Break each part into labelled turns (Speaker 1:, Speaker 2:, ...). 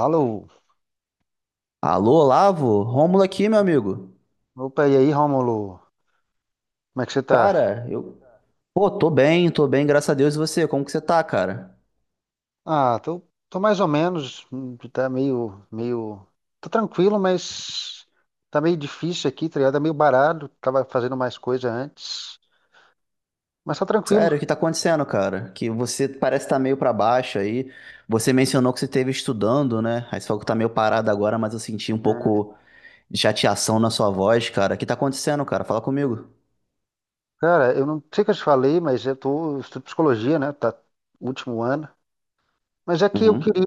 Speaker 1: Alô?
Speaker 2: Alô, Olavo? Rômulo aqui, meu amigo.
Speaker 1: Opa, e aí, Rômulo? Como é que você tá?
Speaker 2: Cara, eu. Pô, tô bem, graças a Deus. E você? Como que você tá, cara?
Speaker 1: Ah, tô, tô mais ou menos, tá Tô tranquilo, mas tá meio difícil aqui, tá ligado? Tá meio baralho, tava fazendo mais coisa antes, mas tá tranquilo.
Speaker 2: Sério, o que tá acontecendo, cara? Que você parece estar tá meio pra baixo aí. Você mencionou que você esteve estudando, né? Aí você falou que tá meio parado agora, mas eu senti um
Speaker 1: É,
Speaker 2: pouco de chateação na sua voz, cara. O que tá acontecendo, cara? Fala comigo.
Speaker 1: Cara, eu não sei o que eu te falei, mas eu estudo psicologia, né? Tá último ano. Mas é que eu
Speaker 2: Uhum.
Speaker 1: queria,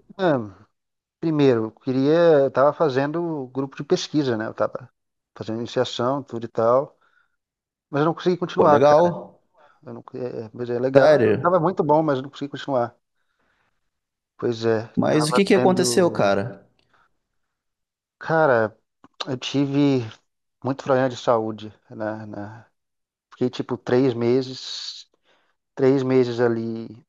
Speaker 1: primeiro, eu queria, eu tava fazendo grupo de pesquisa, né? Eu tava fazendo iniciação, tudo e tal, mas eu não consegui
Speaker 2: Pô,
Speaker 1: continuar.
Speaker 2: legal.
Speaker 1: Eu não, é, Pois é, legal, eu
Speaker 2: Sério.
Speaker 1: tava muito bom, mas eu não consegui continuar. Pois é,
Speaker 2: Mas o
Speaker 1: tava
Speaker 2: que que aconteceu,
Speaker 1: tendo.
Speaker 2: cara?
Speaker 1: Cara, eu tive muito problema de saúde, né? Fiquei tipo três meses ali,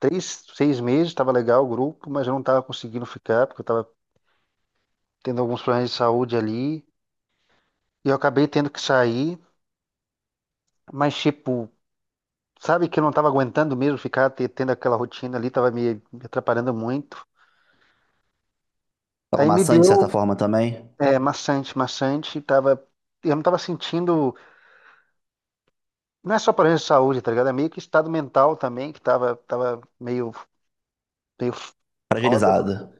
Speaker 1: três, seis meses, tava legal o grupo, mas eu não tava conseguindo ficar, porque eu tava tendo alguns problemas de saúde ali. E eu acabei tendo que sair, mas tipo, sabe que eu não tava aguentando mesmo ficar tendo aquela rotina ali, tava me atrapalhando muito.
Speaker 2: Tava
Speaker 1: Aí me
Speaker 2: maçante de certa
Speaker 1: deu.
Speaker 2: forma também?
Speaker 1: É maçante, maçante. Tava, eu não tava sentindo. Não é só problema de saúde, tá ligado? É meio que estado mental também, que tava meio, meio foda.
Speaker 2: Fragilizado.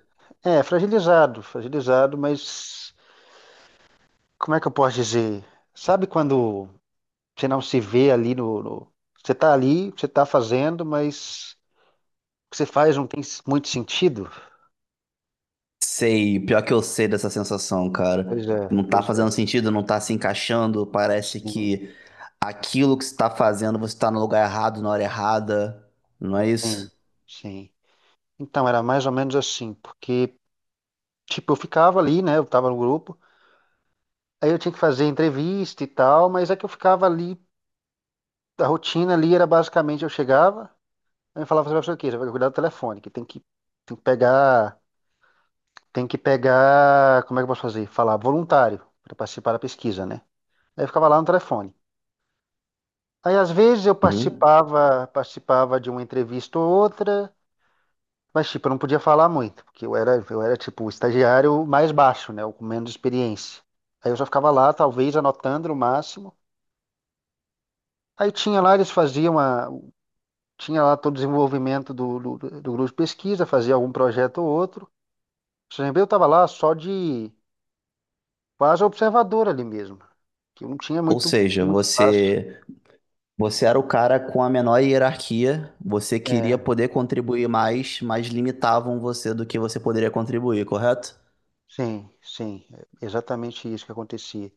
Speaker 1: É, fragilizado, fragilizado, mas como é que eu posso dizer? Sabe quando você não se vê ali você tá ali, você tá fazendo, mas o que você faz não tem muito sentido?
Speaker 2: Sei, pior que eu sei dessa sensação,
Speaker 1: Pois
Speaker 2: cara.
Speaker 1: é,
Speaker 2: Não tá
Speaker 1: pois é.
Speaker 2: fazendo sentido, não tá se encaixando, parece
Speaker 1: Sim,
Speaker 2: que aquilo que você tá fazendo, você tá no lugar errado, na hora errada, não é
Speaker 1: sim,
Speaker 2: isso?
Speaker 1: sim. Então, era mais ou menos assim, porque, tipo, eu ficava ali, né? Eu tava no grupo. Aí eu tinha que fazer entrevista e tal, mas é que eu ficava ali, a rotina ali era basicamente eu chegava, aí eu falava, você vai fazer o quê? Você vai cuidar do telefone, que tem que pegar, tem que pegar, como é que eu posso fazer? Falar voluntário para participar da pesquisa, né? Aí eu ficava lá no telefone. Aí às vezes eu
Speaker 2: Uhum.
Speaker 1: participava de uma entrevista ou outra, mas tipo, eu não podia falar muito, porque eu era tipo o estagiário mais baixo, né? O com menos experiência. Aí eu só ficava lá, talvez anotando no máximo. Aí tinha lá, eles faziam uma, tinha lá todo o desenvolvimento do grupo de pesquisa, fazia algum projeto ou outro. O CNB eu estava lá só de quase observador ali mesmo, que eu não tinha
Speaker 2: Ou
Speaker 1: muito,
Speaker 2: seja,
Speaker 1: muito espaço.
Speaker 2: você era o cara com a menor hierarquia, você queria
Speaker 1: É,
Speaker 2: poder contribuir mais, mas limitavam você do que você poderia contribuir, correto?
Speaker 1: sim, sim, é exatamente isso que acontecia.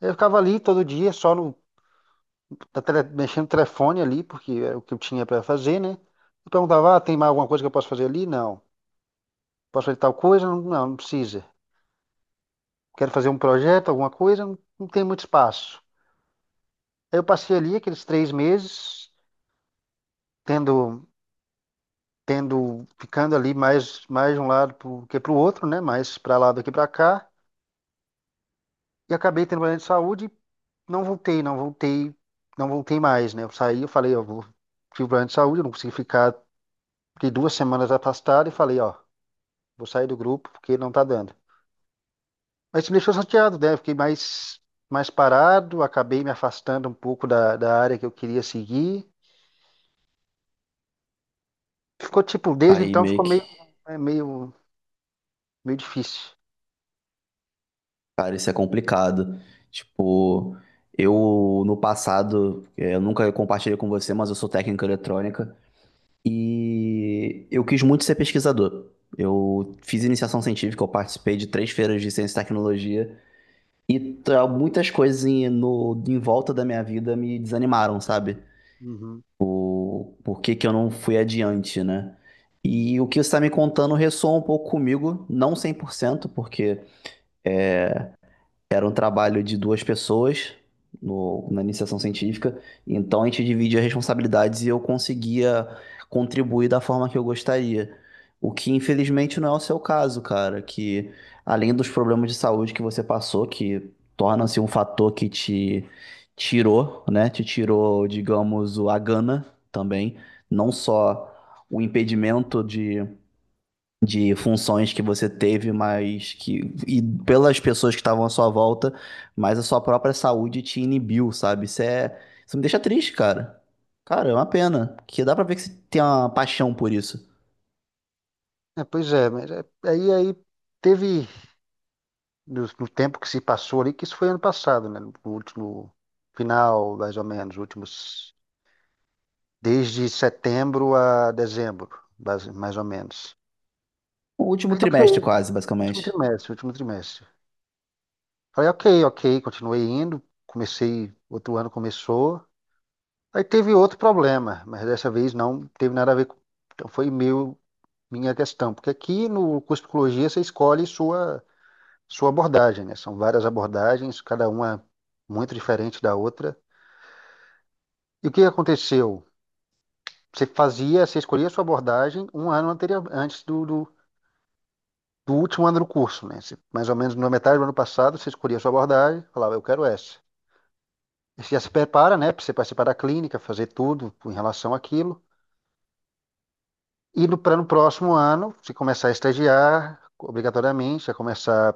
Speaker 1: Eu ficava ali todo dia, só mexendo no telefone ali, porque era o que eu tinha para fazer, né? Eu perguntava, ah, tem mais alguma coisa que eu posso fazer ali? Não. Posso fazer tal coisa? Não, não, não precisa. Quero fazer um projeto, alguma coisa? Não, não tem muito espaço. Aí eu passei ali aqueles três meses, tendo, ficando ali mais, mais de um lado pro, que para o outro, né? Mais para lá do que para cá. E acabei tendo problema de saúde e não voltei, não voltei, não voltei mais, né? Eu saí, eu falei, ó, vou, tive um problema de saúde, eu não consegui ficar, fiquei duas semanas afastado e falei, ó, vou sair do grupo porque não tá dando. Mas isso me deixou chateado, né? Eu fiquei mais, mais parado, acabei me afastando um pouco da área que eu queria seguir. Ficou tipo, desde
Speaker 2: Aí
Speaker 1: então
Speaker 2: meio
Speaker 1: ficou
Speaker 2: que
Speaker 1: é, meio, meio difícil.
Speaker 2: Cara, isso é complicado. Tipo, eu no passado, eu nunca compartilhei com você, mas eu sou técnico em eletrônica e eu quis muito ser pesquisador. Eu fiz iniciação científica, eu participei de três feiras de ciência e tecnologia e muitas coisas em, no, em volta da minha vida me desanimaram, sabe?
Speaker 1: Uhum.
Speaker 2: Por que que eu não fui adiante, né? E o que você está me contando ressoa um pouco comigo, não 100%, porque. Era um trabalho de duas pessoas na iniciação científica, então a gente dividia responsabilidades e eu conseguia contribuir da forma que eu gostaria. O que infelizmente não é o seu caso, cara, que além dos problemas de saúde que você passou, que torna-se um fator que te tirou, né? Te tirou, digamos, a gana também, não só o impedimento de funções que você teve, mas que e pelas pessoas que estavam à sua volta, mas a sua própria saúde te inibiu, sabe? Isso me deixa triste, cara. Cara, é uma pena, porque dá pra ver que você tem uma paixão por isso.
Speaker 1: É, pois é, mas aí teve, no tempo que se passou ali, que isso foi ano passado, né? No último final, mais ou menos, últimos, desde setembro a dezembro, mais ou menos.
Speaker 2: O último
Speaker 1: Aí tá ok,
Speaker 2: trimestre quase, basicamente.
Speaker 1: último trimestre. Falei, ok, ok, continuei indo, comecei, outro ano começou. Aí teve outro problema, mas dessa vez não teve nada a ver com, então foi meu, minha questão, porque aqui no curso de psicologia você escolhe sua abordagem, né? São várias abordagens, cada uma muito diferente da outra. E o que aconteceu? Você fazia, você escolhia a sua abordagem um ano anterior, antes do último ano do curso, né? Você, mais ou menos na metade do ano passado, você escolhia a sua abordagem, falava, eu quero essa. E você já se prepara, né, para você participar da clínica, fazer tudo em relação àquilo. E no próximo ano, você começar a estagiar, obrigatoriamente, você começar a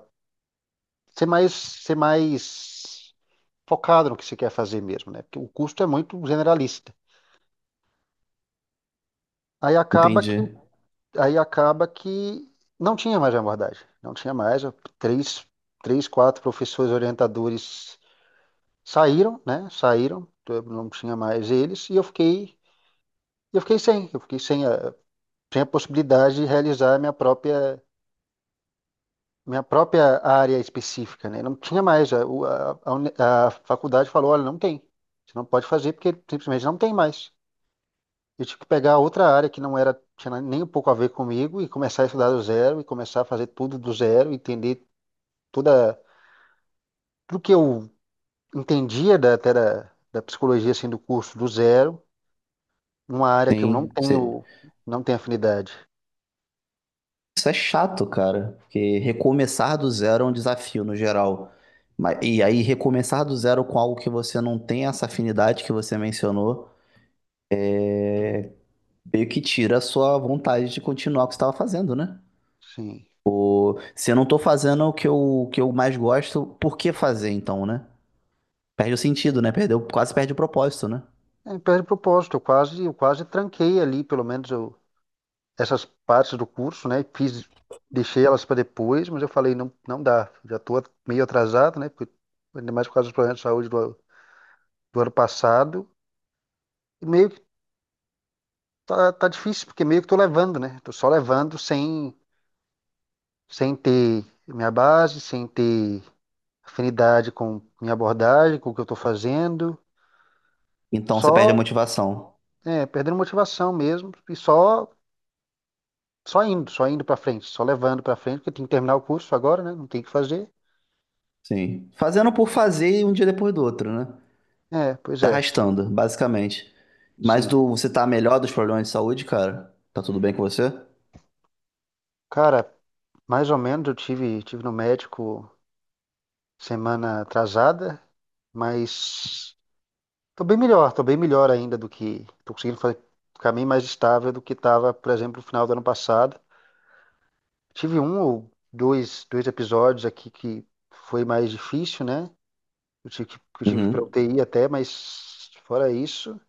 Speaker 1: ser mais focado no que você quer fazer mesmo, né? Porque o curso é muito generalista. Aí acaba que,
Speaker 2: Entendi.
Speaker 1: aí acaba que não tinha mais abordagem, não tinha mais. Três, quatro professores orientadores saíram, né? Saíram, eu não tinha mais eles e eu fiquei, eu fiquei sem a possibilidade de realizar a minha própria área específica, né? Não tinha mais. A a faculdade falou, olha, não tem. Você não pode fazer porque simplesmente não tem mais. Eu tive que pegar outra área que não era, tinha nem um pouco a ver comigo e começar a estudar do zero e começar a fazer tudo do zero, entender toda, tudo que eu entendia da psicologia, assim, do curso do zero, numa área que eu não
Speaker 2: Sim.
Speaker 1: tenho, não tenho afinidade.
Speaker 2: Isso é chato, cara, porque recomeçar do zero é um desafio no geral. E aí recomeçar do zero com algo que você não tem essa afinidade que você mencionou é meio que tira a sua vontade de continuar o que você estava fazendo, né?
Speaker 1: Sim.
Speaker 2: Ou, se eu não tô fazendo o que eu mais gosto, por que fazer então, né? Perde o sentido, né? Perdeu, quase perde o propósito, né?
Speaker 1: É, perde propósito, eu quase tranquei ali, pelo menos eu, essas partes do curso, né? Fiz, deixei elas para depois, mas eu falei, não, não dá, já estou meio atrasado, né? Porque, ainda mais por causa dos problemas de saúde do ano passado. E meio que tá difícil, porque meio que tô levando, né? Tô só levando sem ter minha base, sem ter afinidade com minha abordagem, com o que eu tô fazendo.
Speaker 2: Então você perde a
Speaker 1: Só,
Speaker 2: motivação.
Speaker 1: perdendo motivação mesmo e só indo pra frente, só levando pra frente, porque tem que terminar o curso agora, né? Não tem o que fazer.
Speaker 2: Sim. Fazendo por fazer e um dia depois do outro, né?
Speaker 1: É, pois
Speaker 2: Se
Speaker 1: é,
Speaker 2: arrastando, basicamente.
Speaker 1: sim.
Speaker 2: Você tá melhor dos problemas de saúde, cara? Tá tudo bem com você?
Speaker 1: Cara, mais ou menos tive no médico semana atrasada, mas tô bem melhor, tô bem melhor ainda do que. Tô conseguindo fazer, ficar bem mais estável do que estava, por exemplo, no final do ano passado. Tive um ou dois episódios aqui que foi mais difícil, né? Eu tive que eu tive que ir pra
Speaker 2: Uhum.
Speaker 1: UTI até, mas fora isso,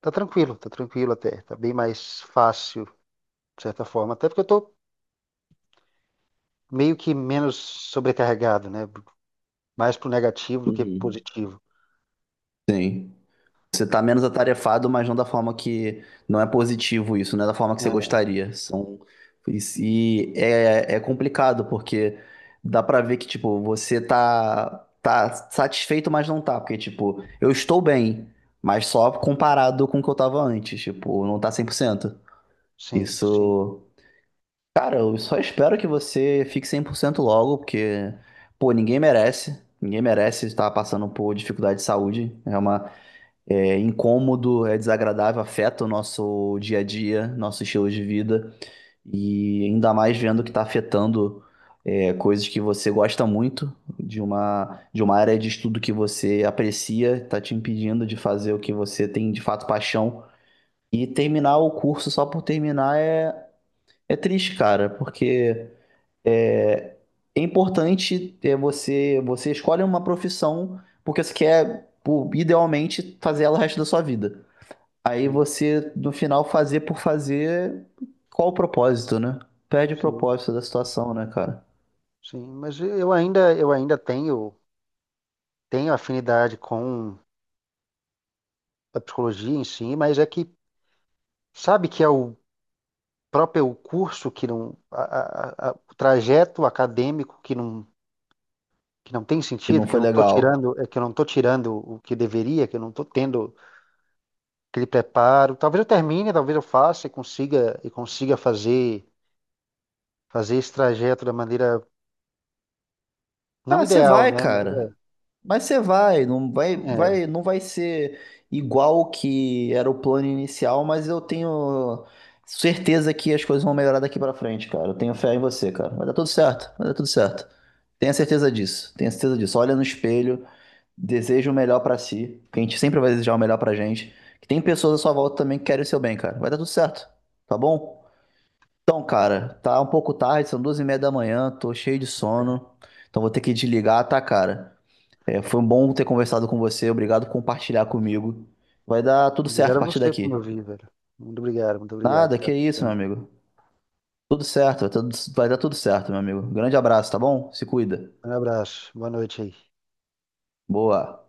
Speaker 1: tá tranquilo até. Tá bem mais fácil, de certa forma. Até porque eu tô meio que menos sobrecarregado, né? Mais pro negativo do que
Speaker 2: Uhum.
Speaker 1: positivo.
Speaker 2: Sim. Você está menos atarefado, mas não da forma que. Não é positivo isso, não é da forma que você
Speaker 1: É,
Speaker 2: gostaria. São, é complicado, porque dá pra ver que, tipo, você tá, satisfeito, mas não tá. Porque, tipo, eu estou bem, mas só comparado com o que eu tava antes. Tipo, não tá 100%.
Speaker 1: sim, sim,
Speaker 2: Isso. Cara, eu só espero que você fique 100% logo, porque, pô, ninguém merece. Ninguém merece estar passando por dificuldade de saúde. É incômodo, é desagradável, afeta o nosso dia a dia, nosso estilo de vida, e ainda mais vendo que está afetando coisas que você gosta muito, de uma área de estudo que você aprecia, está te impedindo de fazer o que você tem de fato paixão. E terminar o curso só por terminar é triste, cara, porque é, é importante você escolhe uma profissão porque você quer, idealmente, fazer ela o resto da sua vida. Aí
Speaker 1: sim,
Speaker 2: você, no final, fazer por fazer, qual o propósito, né? Perde o
Speaker 1: sim,
Speaker 2: propósito da situação, né, cara?
Speaker 1: sim. Mas eu ainda tenho. Tenho afinidade com a psicologia em si, mas é que sabe que é o próprio curso que não, o trajeto acadêmico que não tem
Speaker 2: E
Speaker 1: sentido,
Speaker 2: não
Speaker 1: que eu
Speaker 2: foi
Speaker 1: não estou
Speaker 2: legal.
Speaker 1: tirando, é que eu não estou tirando o que deveria, que eu não estou tendo aquele preparo. Talvez eu termine, talvez eu faça e consiga fazer esse trajeto da maneira não
Speaker 2: Ah, você
Speaker 1: ideal,
Speaker 2: vai,
Speaker 1: né? Mas
Speaker 2: cara. Mas você
Speaker 1: é, é.
Speaker 2: vai, não vai ser igual o que era o plano inicial, mas eu tenho certeza que as coisas vão melhorar daqui pra frente, cara. Eu tenho fé em você, cara. Vai dar tudo certo, vai dar tudo certo. Tenha certeza disso, tenha certeza disso. Olha no espelho. Deseja o melhor pra si, que a gente sempre vai desejar o melhor pra gente. Que tem pessoas à sua volta também que querem o seu bem, cara. Vai dar tudo certo, tá bom? Então, cara, tá um pouco tarde, são 2:30 da manhã, tô cheio de sono, então vou ter que desligar, tá, cara? Foi um bom ter conversado com você, obrigado por compartilhar comigo. Vai dar tudo certo
Speaker 1: Obrigado
Speaker 2: a
Speaker 1: a
Speaker 2: partir
Speaker 1: você por me
Speaker 2: daqui.
Speaker 1: ouvir, velho. Muito obrigado, muito obrigado.
Speaker 2: Nada,
Speaker 1: Tá
Speaker 2: que isso, meu
Speaker 1: precisando.
Speaker 2: amigo. Tudo certo, vai dar tudo certo, meu amigo. Grande abraço, tá bom? Se cuida.
Speaker 1: Um abraço, boa noite aí.
Speaker 2: Boa.